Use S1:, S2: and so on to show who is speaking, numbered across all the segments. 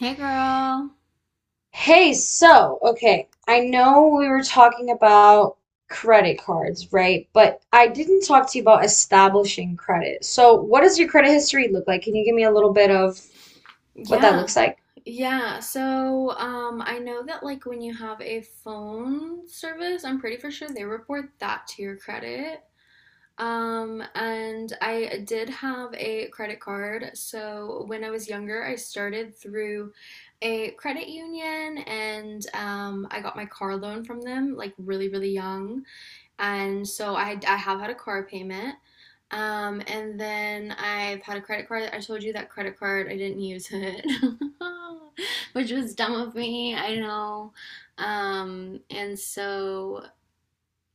S1: Hey, girl.
S2: Hey, so, okay, I know we were talking about credit cards, right? But I didn't talk to you about establishing credit. So what does your credit history look like? Can you give me a little bit of what that
S1: Yeah,
S2: looks like?
S1: yeah. I know that like when you have a phone service, I'm pretty for sure they report that to your credit. And I did have a credit card. So when I was younger, I started through a credit union and I got my car loan from them like really, really young. And so I have had a car payment. And then I've had a credit card. I told you that credit card, I didn't use it, which was dumb of me, I know. Um, and so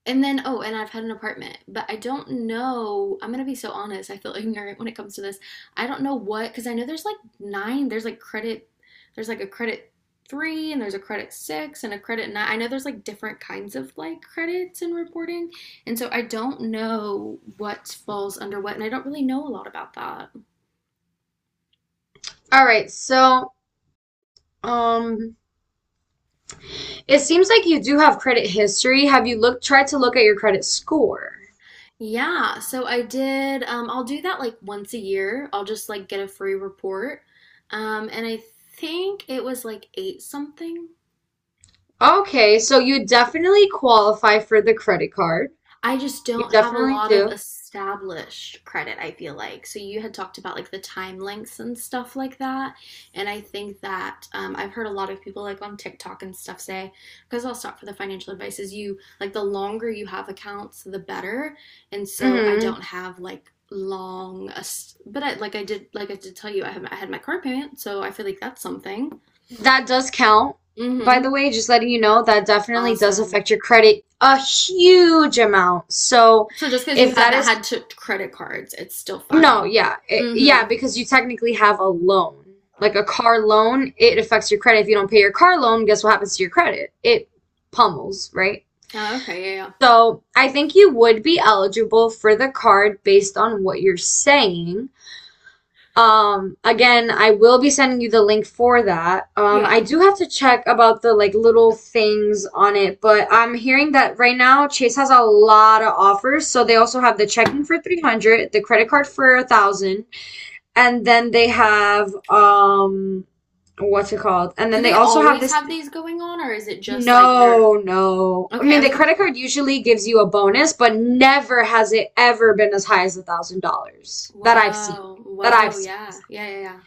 S1: and then, oh, and I've had an apartment, but I don't know. I'm gonna be so honest. I feel ignorant when it comes to this. I don't know what, because I know there's like nine. There's like credit. There's like a credit three, and there's a credit six, and a credit nine. I know there's like different kinds of like credits and reporting, and so I don't know what falls under what, and I don't really know a lot about that.
S2: All right, so um it seems like you do have credit history. Have you looked tried to look at your credit score?
S1: Yeah, so I did. I'll do that like once a year. I'll just like get a free report, and I think it was like eight something.
S2: Okay, so you definitely qualify for the credit card.
S1: I just
S2: You
S1: don't have a
S2: definitely
S1: lot of
S2: do.
S1: established credit, I feel like. So you had talked about like the time lengths and stuff like that. And I think that I've heard a lot of people like on TikTok and stuff say, because I'll stop for the financial advice, is you like the longer you have accounts, the better. And so I
S2: Hmm.
S1: don't have like long, but I, like I did tell you, I had my car payment. So I feel like that's something.
S2: That does count. By the
S1: Mm-hmm.
S2: way, just letting you know, that definitely does
S1: Awesome.
S2: affect your credit a huge amount. So
S1: So just because you
S2: if that
S1: haven't
S2: is,
S1: had to credit cards, it's still
S2: no,
S1: fine.
S2: yeah, it, yeah,
S1: Mm-hmm.
S2: because you technically have a loan. Like a car loan, it affects your credit. If you don't pay your car loan, guess what happens to your credit? It pummels, right?
S1: Oh, okay, yeah, yeah.
S2: So I think you would be eligible for the card based on what you're saying. Again, I will be sending you the link for that. I
S1: Yeah.
S2: do have to check about the like little things on it, but I'm hearing that right now Chase has a lot of offers. So they also have the checking for 300, the credit card for a thousand, and then they have what's it called? And
S1: Do
S2: then they
S1: they
S2: also have
S1: always
S2: this
S1: have these going on, or is it just like they're?
S2: no, no. I
S1: Okay? I
S2: mean,
S1: was
S2: the
S1: gonna.
S2: credit card usually gives you a bonus, but never has it ever been as high as $1,000 that I've seen.
S1: Whoa,
S2: That I've
S1: whoa,
S2: seen
S1: yeah,
S2: myself.
S1: yeah, yeah, yeah.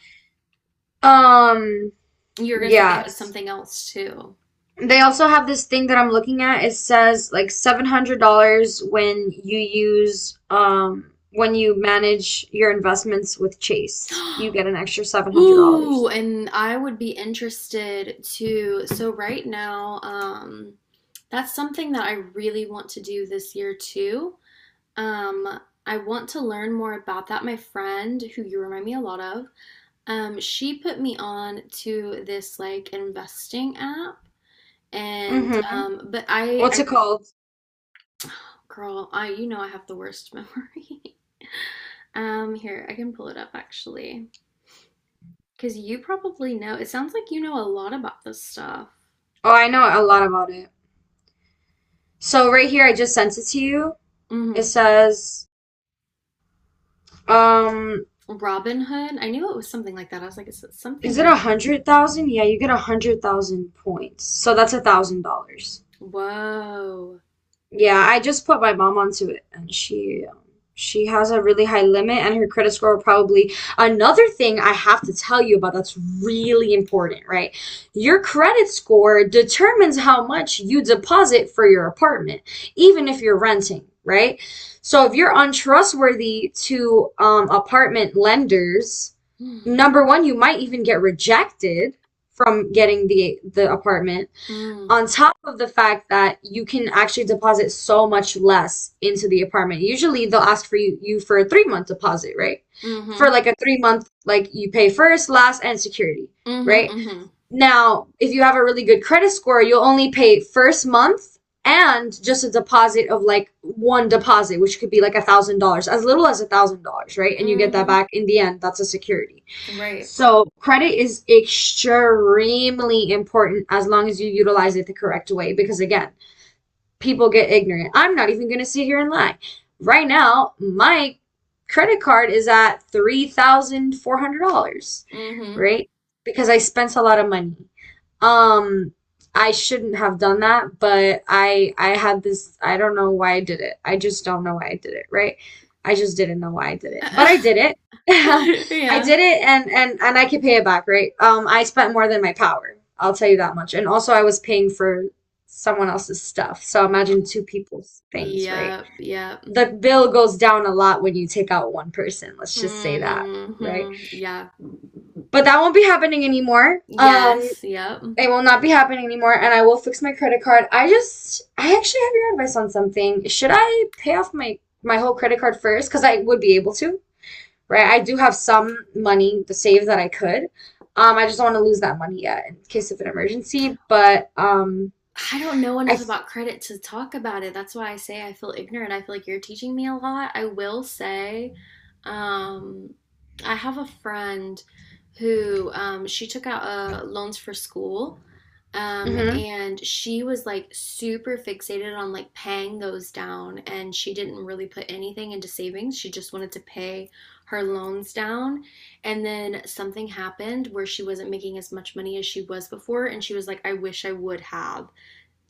S2: Um,
S1: You were gonna say they had
S2: Yes.
S1: something else too.
S2: They also have this thing that I'm looking at. It says like $700 when you use when you manage your investments with Chase. You get an extra
S1: Ooh,
S2: $700.
S1: and I would be interested to. So right now, that's something that I really want to do this year too. Um, I want to learn more about that. My friend, who you remind me a lot of, she put me on to this like investing app. And
S2: Mm-hmm.
S1: but
S2: What's
S1: I,
S2: it called?
S1: Girl, you know, I have the worst memory. Here, I can pull it up actually, because you probably know. It sounds like you know a lot about this stuff.
S2: Oh, I know a lot about it. So right here I just sent it to you. It
S1: Hmm.
S2: says um
S1: Robin Hood. I knew it was something like that. I was like, is it something
S2: is it
S1: like,
S2: 100,000? Yeah, you get 100,000 points. So that's $1,000.
S1: whoa.
S2: Yeah, I just put my mom onto it, and she has a really high limit, and her credit score probably. Another thing I have to tell you about that's really important, right? Your credit score determines how much you deposit for your apartment, even if you're renting, right? So if you're untrustworthy to apartment lenders,
S1: Mm,
S2: number one, you might even get rejected from getting the apartment
S1: mm,
S2: on top of the fact that you can actually deposit so much less into the apartment. Usually they'll ask for you, for a 3 month deposit, right? For
S1: mm-hmm,
S2: like a 3 month, like you pay first, last, and security,
S1: mm-hmm,
S2: right?
S1: mm-hmm,
S2: Now, if you have a really good credit score, you'll only pay first month and just a deposit of like one deposit, which could be like $1,000, as little as $1,000, right? And you get that
S1: mm-hmm.
S2: back in the end. That's a security.
S1: Right.
S2: So credit is extremely important as long as you utilize it the correct way. Because again, people get ignorant. I'm not even going to sit here and lie. Right now, my credit card is at $3,400,
S1: Mm-hmm.
S2: right? Because I spent a lot of money. Um, I shouldn't have done that, but I had this, I don't know why I did it. I just don't know why I did it, right? I just didn't know why I did it. But I did it. I
S1: Yeah.
S2: did it and I could pay it back, right? I spent more than my power. I'll tell you that much. And also I was paying for someone else's stuff. So imagine two people's things, right?
S1: Yep, yep.
S2: The bill goes down a lot when you take out one person. Let's just say that, right?
S1: Mm-hmm. Yeah.
S2: But that won't be happening anymore.
S1: Yes, yep.
S2: It will not be happening anymore, and I will fix my credit card. I actually have your advice on something. Should I pay off my whole credit card first? Because I would be able to, right? I do have some money to save that I could. I just don't want to lose that money yet in case of an emergency. But
S1: I don't know enough
S2: I,
S1: about credit to talk about it. That's why I say I feel ignorant. I feel like you're teaching me a lot. I will say, um, I have a friend who she took out loans for school,
S2: mhm.
S1: and she was like super fixated on like paying those down, and she didn't really put anything into savings. She just wanted to pay her loans down. And then something happened where she wasn't making as much money as she was before, and she was like, I wish I would have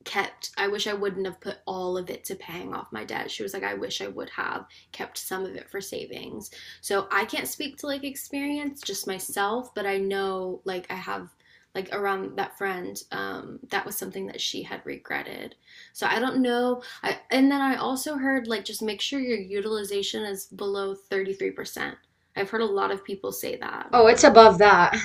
S1: kept. I wish I wouldn't have put all of it to paying off my debt. She was like, I wish I would have kept some of it for savings, so I can't speak to like experience just myself, but I know, like I have, like around that friend, that was something that she had regretted. So I don't know. I and then I also heard like just make sure your utilization is below 33%. I've heard a lot of people say that.
S2: Oh, it's above that.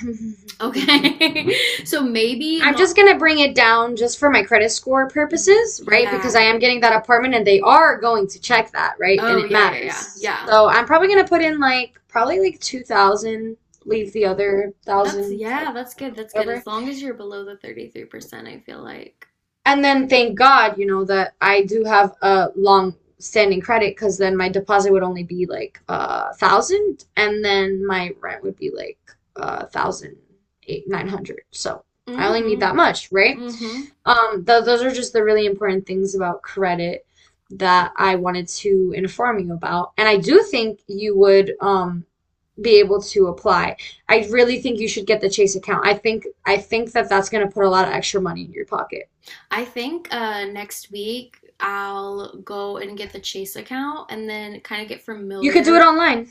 S1: Okay. So maybe
S2: I'm
S1: not.
S2: just gonna bring it down just for my credit score purposes, right? Because
S1: Yeah.
S2: I am getting that apartment and they are going to check that, right? And
S1: Oh
S2: it
S1: yeah, yeah, yeah,
S2: matters.
S1: yeah.
S2: So I'm probably gonna put in like 2000, leave the other
S1: That's
S2: 1000,
S1: yeah, that's good. That's good.
S2: whatever.
S1: As long as you're below the 33%, I feel like.
S2: And then thank God, you know, that I do have a long standing credit because then my deposit would only be like a thousand, and then my rent would be like a thousand eight nine hundred. So I only need
S1: Hmm.
S2: that much, right?
S1: Hmm.
S2: Th those are just the really important things about credit that I wanted to inform you about, and I do think you would be able to apply. I really think you should get the Chase account. I think that that's going to put a lot of extra money in your pocket.
S1: I think next week I'll go and get the Chase account and then kind of get
S2: You could do it
S1: familiar.
S2: online.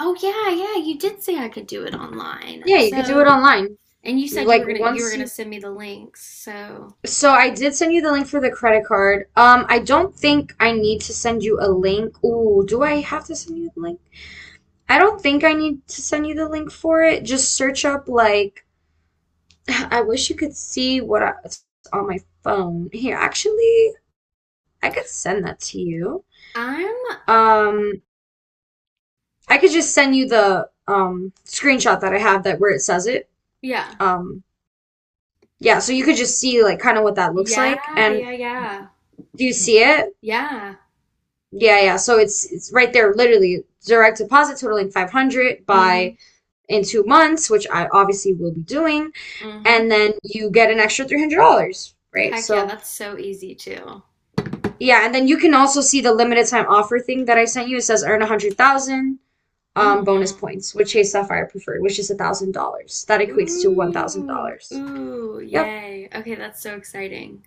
S1: Oh yeah, yeah, you did say I could do it online.
S2: Yeah, you could do it
S1: So,
S2: online.
S1: and you said
S2: Like
S1: you were
S2: once
S1: gonna
S2: you.
S1: send me the links. So,
S2: So I did send you the link for the credit card. I don't think I need to send you a link. Ooh, do I have to send you the link? I don't think I need to send you the link for it. Just search up like. I wish you could see what I, it's on my phone. Here, actually, I could send that to you.
S1: I'm
S2: Um, I could just send you the screenshot that I have that where it says it.
S1: yeah.
S2: Um, Yeah, so you could just see like kind of what that looks like.
S1: Yeah,
S2: And
S1: yeah, yeah.
S2: do you see it?
S1: Yeah.
S2: Yeah, yeah. So it's right there, literally direct deposit totaling 500 by
S1: Hmm.
S2: in 2 months, which I obviously will be doing,
S1: Hmm.
S2: and then you get an extra $300, right?
S1: Heck yeah,
S2: So
S1: that's so easy too.
S2: yeah, and then you can also see the limited time offer thing that I sent you. It says earn 100,000 bonus
S1: Hmm.
S2: points with Chase Sapphire Preferred, which is $1,000. That equates to
S1: Ooh,
S2: $1,000.
S1: ooh,
S2: Yep.
S1: yay. Okay, that's so exciting.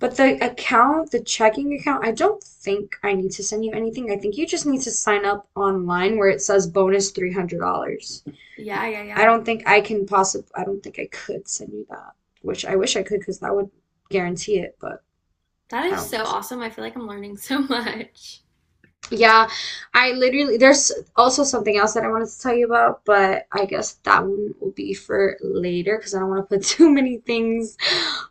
S2: But the account, the checking account, I don't think I need to send you anything. I think you just need to sign up online where it says bonus $300.
S1: Yeah, yeah,
S2: I
S1: yeah.
S2: don't think I can possibly, I don't think I could send you that, which I wish I could because that would guarantee it, but
S1: That
S2: I
S1: is
S2: don't
S1: so
S2: think so.
S1: awesome. I feel like I'm learning so much.
S2: Yeah, I literally, there's also something else that I wanted to tell you about, but I guess that one will be for later because I don't want to put too many things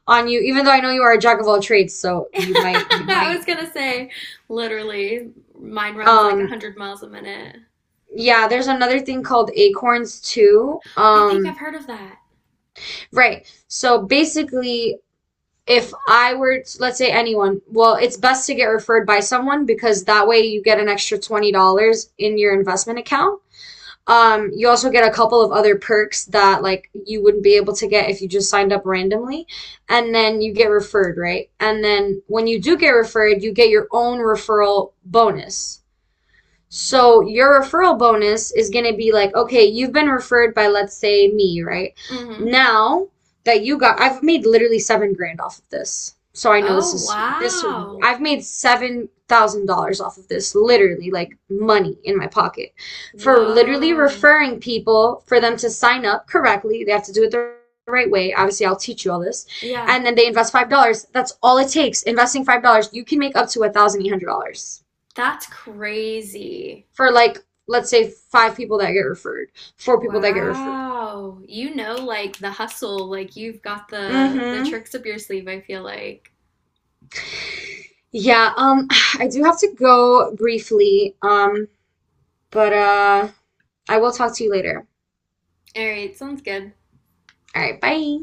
S2: on you, even though I know you are a jack of all trades, so you
S1: I was
S2: might.
S1: gonna say, literally, mine runs like
S2: Um,
S1: 100 miles a minute.
S2: Yeah, there's another thing called acorns too.
S1: I think I've heard of that.
S2: Right. So basically, if I were to, let's say anyone, well, it's best to get referred by someone because that way you get an extra $20 in your investment account. You also get a couple of other perks that like you wouldn't be able to get if you just signed up randomly. And then you get referred, right? And then when you do get referred, you get your own referral bonus. So your referral bonus is going to be like, okay, you've been referred by, let's say, me, right?
S1: Hmm.
S2: Now that you got, I've made literally 7 grand off of this. So I know
S1: Oh,
S2: this is this.
S1: wow.
S2: I've made $7,000 off of this, literally, like money in my pocket, for literally
S1: Whoa.
S2: referring people for them to sign up correctly. They have to do it the right way. Obviously, I'll teach you all this,
S1: Yeah,
S2: and then they invest $5. That's all it takes. Investing $5, you can make up to $1,800
S1: that's crazy.
S2: for like let's say 5 people that get referred, 4 people that get referred.
S1: Wow. You know, like the hustle, like you've got the
S2: Mm-hmm.
S1: tricks up your sleeve, I feel like.
S2: Yeah, I do have to go briefly, but I will talk to you later.
S1: All right, sounds good.
S2: All right, bye.